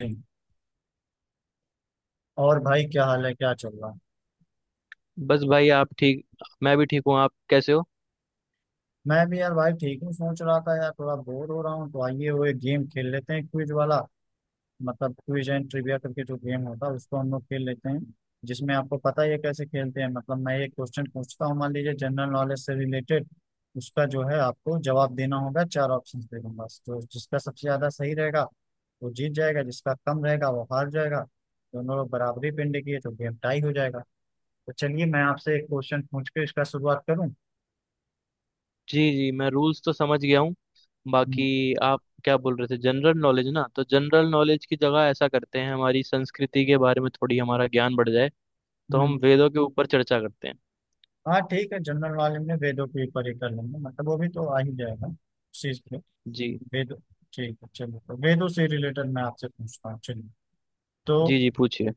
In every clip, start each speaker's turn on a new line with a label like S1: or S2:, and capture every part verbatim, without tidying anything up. S1: ठीक। और भाई क्या हाल है? क्या चल रहा है?
S2: बस भाई, आप ठीक? मैं भी ठीक हूँ, आप कैसे हो?
S1: मैं भी यार भाई ठीक हूँ। सोच रहा था यार थोड़ा बोर हो रहा हूँ, तो आइए वो एक गेम खेल लेते हैं, क्विज वाला। मतलब क्विज एंड ट्रिविया करके जो गेम होता है उसको हम लोग खेल लेते हैं। जिसमें आपको पता ही है कैसे खेलते हैं, मतलब मैं एक क्वेश्चन पूछता हूँ, मान लीजिए जनरल नॉलेज से रिलेटेड। उसका जो है आपको जवाब देना होगा, चार ऑप्शन दे दूंगा, तो जिसका सबसे ज्यादा सही रहेगा वो जीत जाएगा, जिसका कम रहेगा वो हार जाएगा। दोनों लोग बराबरी पिंड किए तो गेम टाई हो जाएगा। तो चलिए मैं आपसे एक क्वेश्चन पूछ के इसका शुरुआत करूँ।
S2: जी जी, मैं रूल्स तो समझ गया हूँ। बाकी,
S1: हम्म।
S2: आप क्या बोल रहे थे, जनरल नॉलेज ना? तो जनरल नॉलेज की जगह ऐसा करते हैं, हमारी संस्कृति के बारे में, थोड़ी हमारा ज्ञान बढ़ जाए, तो हम
S1: हम्म।
S2: वेदों के ऊपर चर्चा करते हैं।
S1: हाँ ठीक है, जनरल वाले में वेदों के ऊपर ही कर लेंगे, मतलब वो भी तो आ ही जाएगा चीज पे।
S2: जी
S1: वेद। ठीक है चलिए, तो वेदों से रिलेटेड मैं आपसे पूछता हूँ। चलिए तो
S2: जी जी, पूछिए।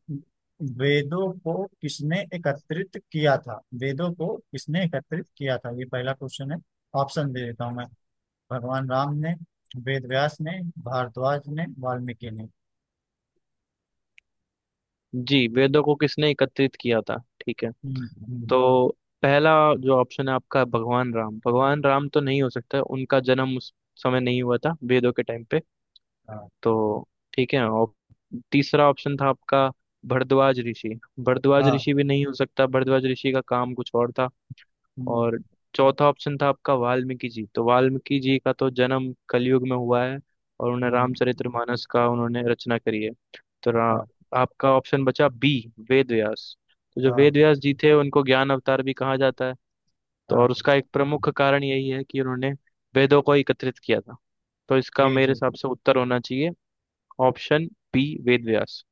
S1: वेदों को किसने एकत्रित किया था? वेदों को किसने एकत्रित किया था, ये पहला क्वेश्चन है। ऑप्शन दे देता हूँ मैं। भगवान राम ने, वेद व्यास ने, भारद्वाज ने, वाल्मीकि ने।
S2: जी, वेदों को किसने एकत्रित किया था, ठीक है।
S1: हम्म, हम्म,
S2: तो पहला जो ऑप्शन है आपका, भगवान राम। भगवान राम तो नहीं हो सकता, उनका जन्म उस समय नहीं हुआ था वेदों के टाइम पे।
S1: हाँ।
S2: तो ठीक है। और तीसरा ऑप्शन था आपका भरद्वाज ऋषि। भरद्वाज
S1: हाँ।
S2: ऋषि भी नहीं हो सकता, भरद्वाज ऋषि का काम कुछ और था।
S1: हम्म,
S2: और चौथा ऑप्शन था आपका वाल्मीकि जी, तो वाल्मीकि जी का तो जन्म कलयुग में हुआ है, और उन्हें
S1: हम्म,
S2: रामचरितमानस का उन्होंने रचना करी है। तो रा,
S1: हाँ।
S2: आपका ऑप्शन बचा बी, वेद व्यास। तो जो वेद
S1: हाँ।
S2: व्यास जी थे, उनको ज्ञान अवतार भी कहा जाता है। तो और
S1: हाँ।
S2: उसका एक प्रमुख कारण यही है कि उन्होंने वेदों को एकत्रित किया था। तो इसका
S1: जी
S2: मेरे
S1: जी।
S2: हिसाब से उत्तर होना चाहिए ऑप्शन बी, वेद व्यास।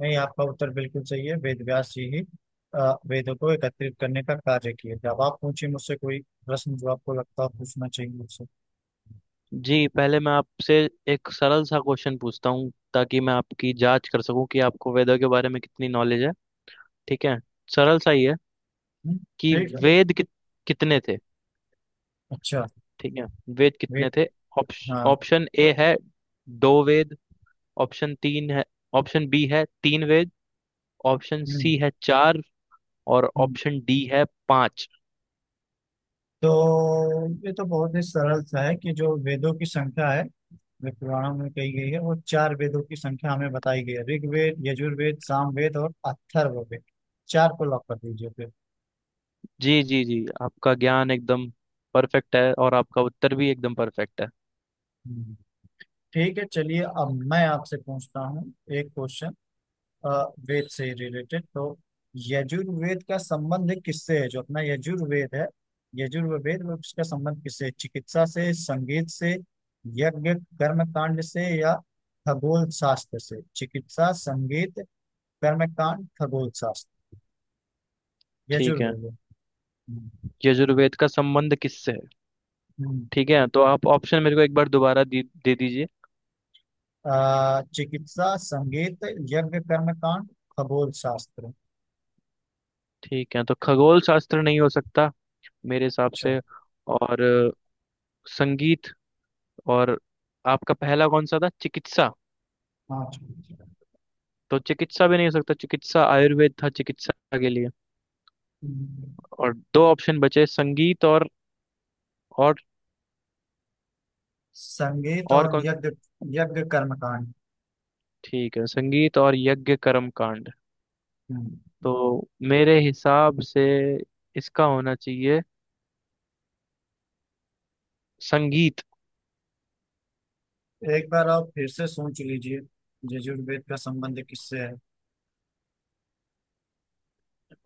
S1: नहीं आपका उत्तर बिल्कुल सही है, वेद व्यास जी ही अ, वेदों को एकत्रित करने का कार्य किए थे। अब आप पूछिए मुझसे कोई प्रश्न जो आपको लगता है पूछना चाहिए मुझसे।
S2: जी, पहले मैं आपसे एक सरल सा क्वेश्चन पूछता हूँ, ताकि मैं आपकी जांच कर सकूं कि आपको वेदों के बारे में कितनी नॉलेज है। ठीक है, सरल सा ही है।
S1: हम्म,
S2: कि
S1: ठीक है।
S2: वेद कित, कितने थे?
S1: अच्छा।
S2: ठीक है, वेद कितने
S1: वेद।
S2: थे? ऑप्श-
S1: हाँ।
S2: ऑप्शन ए है दो वेद। ऑप्शन तीन है। ऑप्शन बी है तीन वेद। ऑप्शन
S1: हम्म
S2: सी है चार। और
S1: हम्म।
S2: ऑप्शन डी है पांच।
S1: तो ये तो बहुत ही सरल सा है कि जो वेदों की संख्या है जो पुराणों में कही गई है, वो चार वेदों की संख्या हमें बताई गई है: ऋग्वेद, यजुर्वेद, सामवेद और अथर्ववेद। चार को लॉक कर दीजिए फिर।
S2: जी जी जी, आपका ज्ञान एकदम परफेक्ट है, और आपका उत्तर भी एकदम परफेक्ट है।
S1: हम्म। ठीक है चलिए अब मैं आपसे पूछता हूँ एक क्वेश्चन अ, वेद से ही रिलेटेड। तो यजुर्वेद का संबंध किससे है? जो अपना यजुर्वेद है, यजुर्वेद में उसका संबंध किससे है? चिकित्सा से, संगीत से, यज्ञ कर्म कांड से, या खगोल शास्त्र से? चिकित्सा, संगीत, कर्म कांड, खगोल शास्त्र।
S2: ठीक है।
S1: यजुर्वेद। हम्म,
S2: यजुर्वेद का संबंध किससे है?
S1: हम्म।
S2: ठीक है, तो आप ऑप्शन मेरे को एक बार दोबारा दे, दे दीजिए।
S1: अ, चिकित्सा, संगीत, यज्ञ कर्म कांड, खगोल शास्त्र।
S2: ठीक है, तो खगोल शास्त्र नहीं हो सकता मेरे हिसाब
S1: अच्छा।
S2: से। और संगीत, और आपका पहला कौन सा था, चिकित्सा?
S1: हाँ।
S2: तो चिकित्सा भी नहीं हो सकता, चिकित्सा आयुर्वेद था चिकित्सा के लिए।
S1: हम्म।
S2: और दो ऑप्शन बचे संगीत और, और
S1: संगीत
S2: और
S1: और
S2: कौन?
S1: यज्ञ। यज्ञ कर्म कांड।
S2: ठीक है, संगीत और यज्ञ कर्म कांड। तो मेरे हिसाब से इसका होना चाहिए संगीत।
S1: एक बार आप फिर से सोच लीजिए, यजुर्वेद का संबंध किससे है?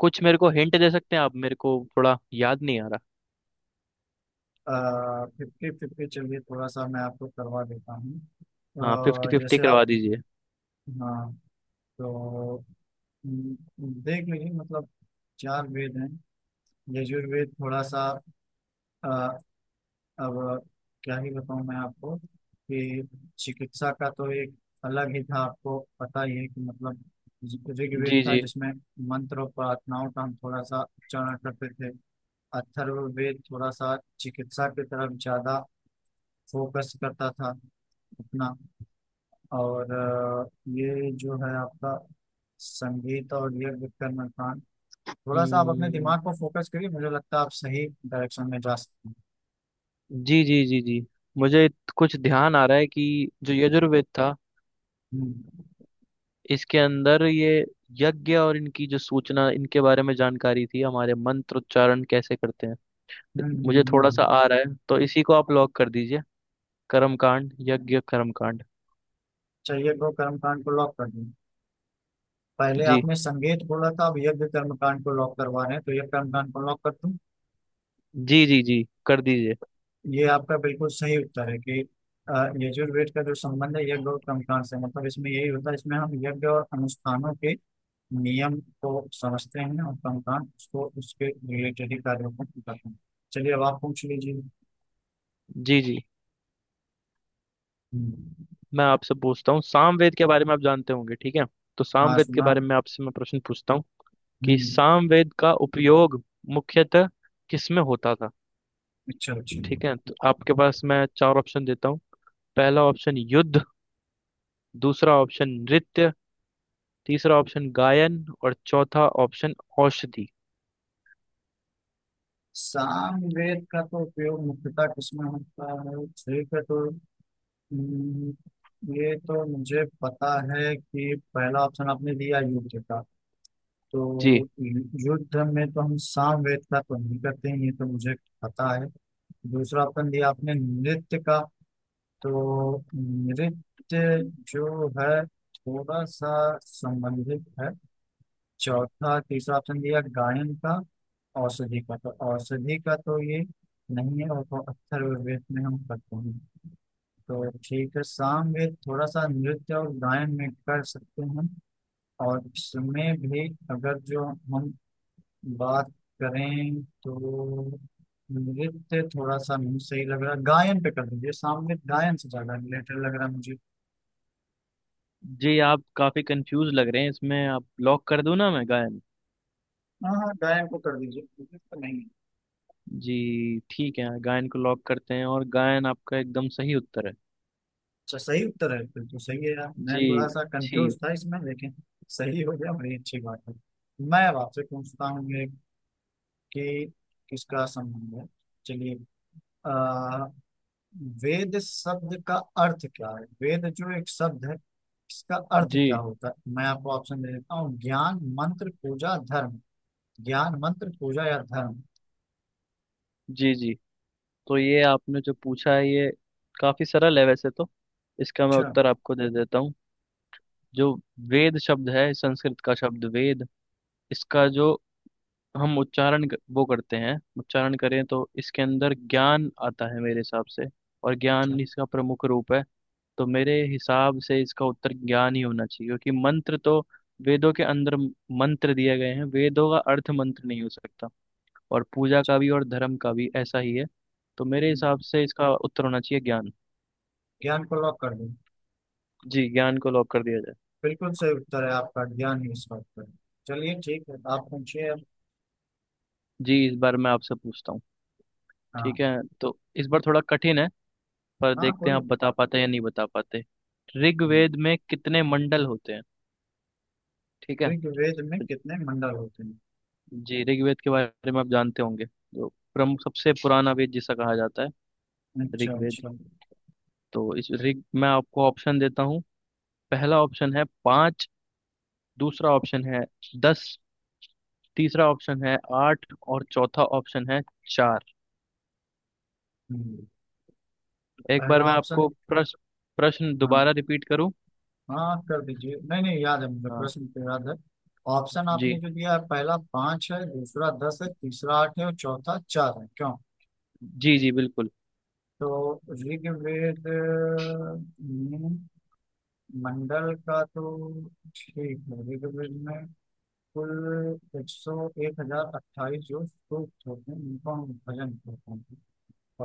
S2: कुछ मेरे को हिंट दे सकते हैं आप? मेरे को थोड़ा याद नहीं आ रहा।
S1: फिफ्टी फिफ्टी चलिए थोड़ा सा मैं आपको करवा देता हूँ। अ,
S2: हाँ, फिफ्टी फिफ्टी
S1: जैसे आप।
S2: करवा दीजिए।
S1: हाँ। तो हम्म, देख लीजिए, मतलब चार वेद हैं। यजुर्वेद थोड़ा सा अ, अब क्या ही बताऊँ मैं आपको कि चिकित्सा का तो एक अलग ही था, आपको पता ही है कि मतलब ऋग्वेद
S2: जी
S1: था
S2: जी।
S1: जिसमें मंत्र और प्रार्थनाओं का हम थोड़ा सा उच्चारण करते थे। अथर्ववेद थोड़ा सा चिकित्सा की तरफ ज्यादा फोकस करता था अपना। और अ, ये जो है आपका संगीत और ये विक्रम कांड, थोड़ा सा आप अपने
S2: हम्म।
S1: दिमाग को फोकस करिए, मुझे लगता है आप सही डायरेक्शन में जा सकते हैं।
S2: जी जी जी जी, मुझे कुछ ध्यान आ रहा है कि जो यजुर्वेद था,
S1: हम्म
S2: इसके अंदर ये यज्ञ, और इनकी जो सूचना, इनके बारे में जानकारी थी, हमारे मंत्र उच्चारण कैसे करते हैं।
S1: हम्म
S2: इत-
S1: हम्म।
S2: मुझे थोड़ा सा
S1: हम्म।
S2: आ रहा है, तो इसी को आप लॉक कर दीजिए, कर्मकांड, यज्ञ कर्मकांड।
S1: चाहिए को कर्मकांड को लॉक कर दूं? पहले
S2: जी
S1: आपने संगीत बोला था, अब यज्ञ कर्मकांड को लॉक करवा रहे हैं, तो यज्ञ कर्मकांड को लॉक कर दूं।
S2: जी जी जी, कर दीजिए।
S1: ये आपका बिल्कुल सही उत्तर है कि अ, यजुर्वेद का जो संबंध है यज्ञ और कर्मकांड से, मतलब इसमें यही होता है, इसमें हम यज्ञ और अनुष्ठानों के नियम को समझते हैं, और कर्मकांड उसको, उसके रिलेटेड ही कार्यों को करते हैं। चलिए अब आप पूछ लीजिए।
S2: जी जी,
S1: हम्म,
S2: मैं आपसे पूछता हूँ सामवेद के बारे में, आप जानते होंगे, ठीक है। तो
S1: हाँ
S2: सामवेद के
S1: सुना।
S2: बारे में आपसे मैं प्रश्न पूछता हूँ, कि
S1: हम्म।
S2: सामवेद का उपयोग मुख्यतः किसमें होता था?
S1: अच्छा अच्छा।
S2: ठीक है, तो आपके पास मैं चार ऑप्शन देता हूँ। पहला ऑप्शन युद्ध, दूसरा ऑप्शन नृत्य, तीसरा ऑप्शन गायन, और चौथा ऑप्शन औषधि।
S1: सामवेद का तो उपयोग मुख्यतः किसमें होता है, ठीक है। तो हम्म, ये तो मुझे पता है कि पहला ऑप्शन आपने दिया युद्ध का,
S2: जी,
S1: तो युद्ध में तो हम साम वेद का तो नहीं करते हैं, ये तो मुझे पता है। दूसरा ऑप्शन दिया आपने नृत्य का, तो नृत्य जो है थोड़ा सा संबंधित है। चौथा, तीसरा ऑप्शन दिया गायन का। औषधि का, तो औषधि का तो ये नहीं है, और तो अथर्ववेद में हम करते हैं। तो ठीक है, सामवेद थोड़ा सा नृत्य और गायन में कर सकते हैं, और इसमें भी अगर जो हम बात करें तो नृत्य थोड़ा सा नहीं सही लग रहा, गायन पे कर दीजिए, सामने गायन से ज्यादा रिलेटेड लग रहा है मुझे।
S2: जी आप काफी कंफ्यूज लग रहे हैं इसमें, आप लॉक कर दूं ना मैं गायन?
S1: हाँ हाँ, गायन को कर दीजिए, नृत्य नहीं।
S2: जी ठीक है, गायन को लॉक करते हैं, और गायन आपका एकदम सही उत्तर है।
S1: अच्छा सही उत्तर है? फिर तो सही है यार, मैं
S2: जी
S1: थोड़ा सा
S2: जी
S1: कंफ्यूज था इसमें, लेकिन सही हो गया, बड़ी अच्छी बात है। मैं अब आपसे पूछता हूँ ये कि किसका संबंध है। चलिए अ, वेद शब्द का अर्थ क्या है? वेद जो एक शब्द है इसका अर्थ
S2: जी
S1: क्या होता है? मैं आपको ऑप्शन दे देता हूँ: ज्ञान, मंत्र, पूजा, धर्म। ज्ञान, मंत्र, पूजा या धर्म?
S2: जी जी, तो ये आपने जो पूछा है, ये काफी सरल है वैसे तो। इसका मैं
S1: अच्छा
S2: उत्तर आपको दे देता हूँ। जो वेद शब्द है, संस्कृत का शब्द वेद, इसका जो हम उच्चारण क- वो करते हैं, उच्चारण करें तो इसके अंदर ज्ञान आता है मेरे हिसाब से, और
S1: अच्छा।
S2: ज्ञान इसका प्रमुख रूप है। तो मेरे हिसाब से इसका उत्तर ज्ञान ही होना चाहिए, क्योंकि मंत्र तो वेदों के अंदर म- मंत्र दिए गए हैं, वेदों का अर्थ मंत्र नहीं हो सकता, और पूजा का भी और धर्म का भी ऐसा ही है। तो मेरे हिसाब से इसका उत्तर होना चाहिए ज्ञान।
S1: ज्ञान को लॉक कर दो।
S2: जी, ज्ञान को लॉक कर दिया जाए।
S1: बिल्कुल सही उत्तर है आपका, ज्ञान ही इसका उत्तर है। चलिए ठीक है, आप पूछिए अब।
S2: जी, इस बार मैं आपसे पूछता हूँ, ठीक
S1: हाँ।
S2: है, तो इस बार थोड़ा कठिन है, पर
S1: हाँ
S2: देखते
S1: कोई
S2: हैं आप
S1: दिक्कत
S2: बता पाते हैं या नहीं बता पाते। ऋग्वेद में कितने मंडल होते हैं? ठीक है,
S1: नहीं। ऋग्वेद में कितने मंडल होते हैं?
S2: जी ऋग्वेद के बारे में आप जानते होंगे, जो प्रमुख सबसे पुराना वेद जिसे कहा जाता है,
S1: अच्छा
S2: ऋग्वेद।
S1: अच्छा।
S2: तो इस ऋग मैं आपको ऑप्शन देता हूँ। पहला ऑप्शन है पाँच, दूसरा ऑप्शन है दस, तीसरा ऑप्शन है आठ, और चौथा ऑप्शन है चार।
S1: हम्म।
S2: एक बार
S1: पहला
S2: मैं
S1: ऑप्शन।
S2: आपको प्रश्न प्रश्न
S1: हाँ
S2: दोबारा रिपीट करूँ?
S1: हाँ कर दीजिए, नहीं नहीं याद है मुझे,
S2: हाँ।
S1: प्रश्न तो याद है। ऑप्शन आपने
S2: जी
S1: जो दिया है पहला पांच है, दूसरा दस है, तीसरा आठ है, और चौथा चार है, क्यों?
S2: जी जी, बिल्कुल।
S1: तो ऋग्वेद में मंडल का तो ठीक है, ऋग्वेद में कुल एक सौ एक हजार अट्ठाईस जो सूक्त होते हैं उनको हम भजन कहते हैं,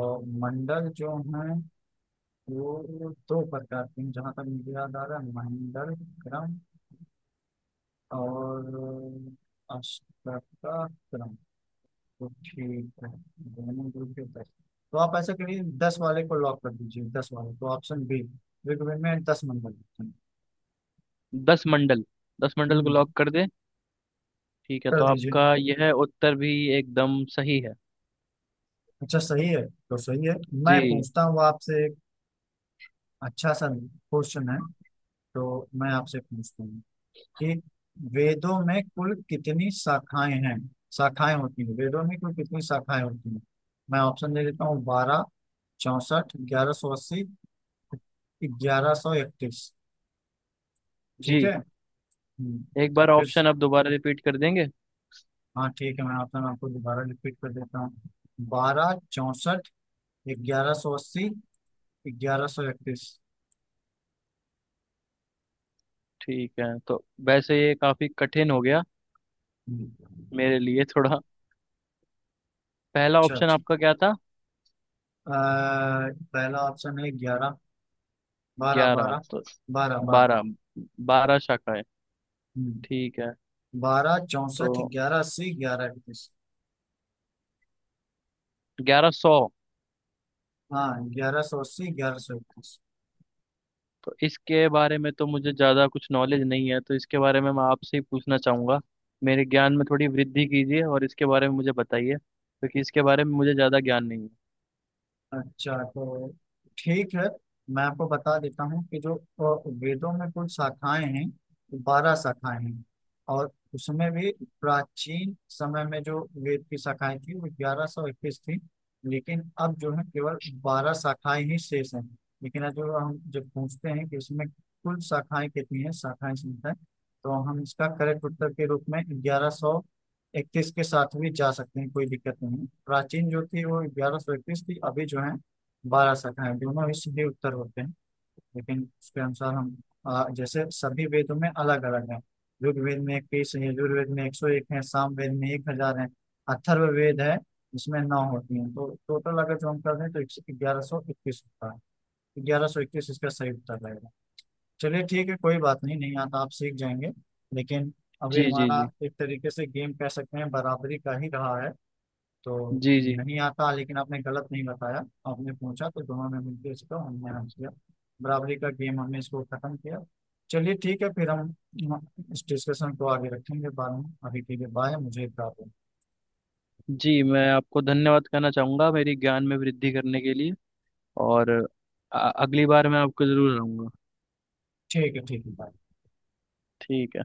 S1: और मंडल जो हैं वो दो प्रकार के हैं जहाँ तक मुझे याद आ रहा है: मंडल क्रम और अष्टोत्तरम। तो ठीक है, दोनों ग्रुप के दस। तो आप ऐसा करिए दस वाले को लॉक कर दीजिए, दस वाले को, ऑप्शन बी, ऋग्वेद में, दस नंबर लिखते हैं।
S2: दस मंडल, दस मंडल को
S1: हम्म
S2: लॉक कर दे। ठीक है,
S1: कर
S2: तो
S1: दीजिए।
S2: आपका यह उत्तर भी एकदम सही है।
S1: अच्छा सही है? तो सही है। मैं
S2: जी
S1: पूछता हूँ आपसे एक अच्छा सा क्वेश्चन है तो। मैं आपसे पूछता हूँ कि वेदों में कुल कितनी शाखाएं हैं? शाखाएं होती हैं वेदों में कुल कितनी शाखाएं होती हैं? मैं ऑप्शन दे देता हूँ: बारह, चौसठ, ग्यारह सौ अस्सी, ग्यारह सौ इकतीस। ठीक है।
S2: जी,
S1: हम्म,
S2: एक बार
S1: फिर।
S2: ऑप्शन आप दोबारा रिपीट कर देंगे?
S1: हाँ ठीक है, मैं आपका नाम आपको दोबारा रिपीट कर देता हूँ: बारह, चौसठ, ग्यारह सौ अस्सी, ग्यारह सौ इकतीस।
S2: ठीक है, तो वैसे ये काफी कठिन हो गया
S1: हम्म,
S2: मेरे लिए थोड़ा। पहला
S1: अच्छा
S2: ऑप्शन आपका
S1: ठीक।
S2: क्या था,
S1: अ, पहला ऑप्शन है ग्यारह, बारह
S2: ग्यारह?
S1: बारह,
S2: तो
S1: बारह बारह।
S2: बारह, बारह शाखाएं,
S1: हम्म,
S2: ठीक है।
S1: बारह, चौसठ,
S2: तो
S1: ग्यारह अस्सी, ग्यारह इकतीस।
S2: ग्यारह सौ?
S1: हाँ, ग्यारह सौ अस्सी, ग्यारह सौ इकतीस।
S2: तो इसके बारे में तो मुझे ज़्यादा कुछ नॉलेज नहीं है, तो इसके बारे में मैं आपसे ही पूछना चाहूँगा। मेरे ज्ञान में थोड़ी वृद्धि कीजिए, और इसके बारे में मुझे बताइए, क्योंकि इसके बारे में मुझे ज़्यादा ज्ञान नहीं है।
S1: अच्छा, तो ठीक है, मैं आपको बता देता हूँ कि जो अ, वेदों में कुल शाखाएं हैं बारह शाखाएं हैं, और उसमें भी प्राचीन समय में जो वेद की शाखाएं थी वो ग्यारह सौ इक्कीस थी, लेकिन अब जो है केवल बारह शाखाएं ही शेष हैं। लेकिन आज जो हम जब पूछते हैं कि इसमें कुल शाखाएं कितनी हैं, शाखाएं संख्या, तो हम इसका करेक्ट उत्तर के रूप में ग्यारह सौ इकतीस के साथ भी जा सकते हैं, कोई दिक्कत नहीं। प्राचीन जो थी वो ग्यारह सौ इकतीस थी, अभी जो है बारह सौ है, दोनों ही सीधे उत्तर होते हैं। लेकिन उसके अनुसार हम आ, जैसे सभी वेदों में अलग अलग है। ऋग्वेद में इक्कीस है, यजुर्वेद में एक सौ एक है, सामवेद में एक हजार है, अथर्व वेद है इसमें नौ होती हैं, तो टोटल अगर जो हम कर दें तो ग्यारह सौ इक्कीस होता है, ग्यारह सौ इक्कीस इसका सही उत्तर रहेगा। चलिए ठीक है कोई बात नहीं, नहीं आता आप सीख जाएंगे, लेकिन अभी
S2: जी जी
S1: हमारा
S2: जी
S1: एक तरीके से गेम कह सकते हैं बराबरी का ही रहा है। तो
S2: जी जी
S1: नहीं आता लेकिन आपने गलत नहीं बताया, आपने पूछा तो दोनों ने मिलकर इसको हमने हल किया, बराबरी का गेम हमने इसको खत्म किया। चलिए ठीक है, फिर हम हम इस डिस्कशन को आगे रखेंगे बाद में, अभी के लिए बाय, मुझे एक काम है।
S2: जी, मैं आपको धन्यवाद कहना चाहूँगा मेरी ज्ञान में वृद्धि करने के लिए, और अ- अगली बार मैं आपको ज़रूर आऊँगा।
S1: ठीक है ठीक है, बाय।
S2: ठीक है।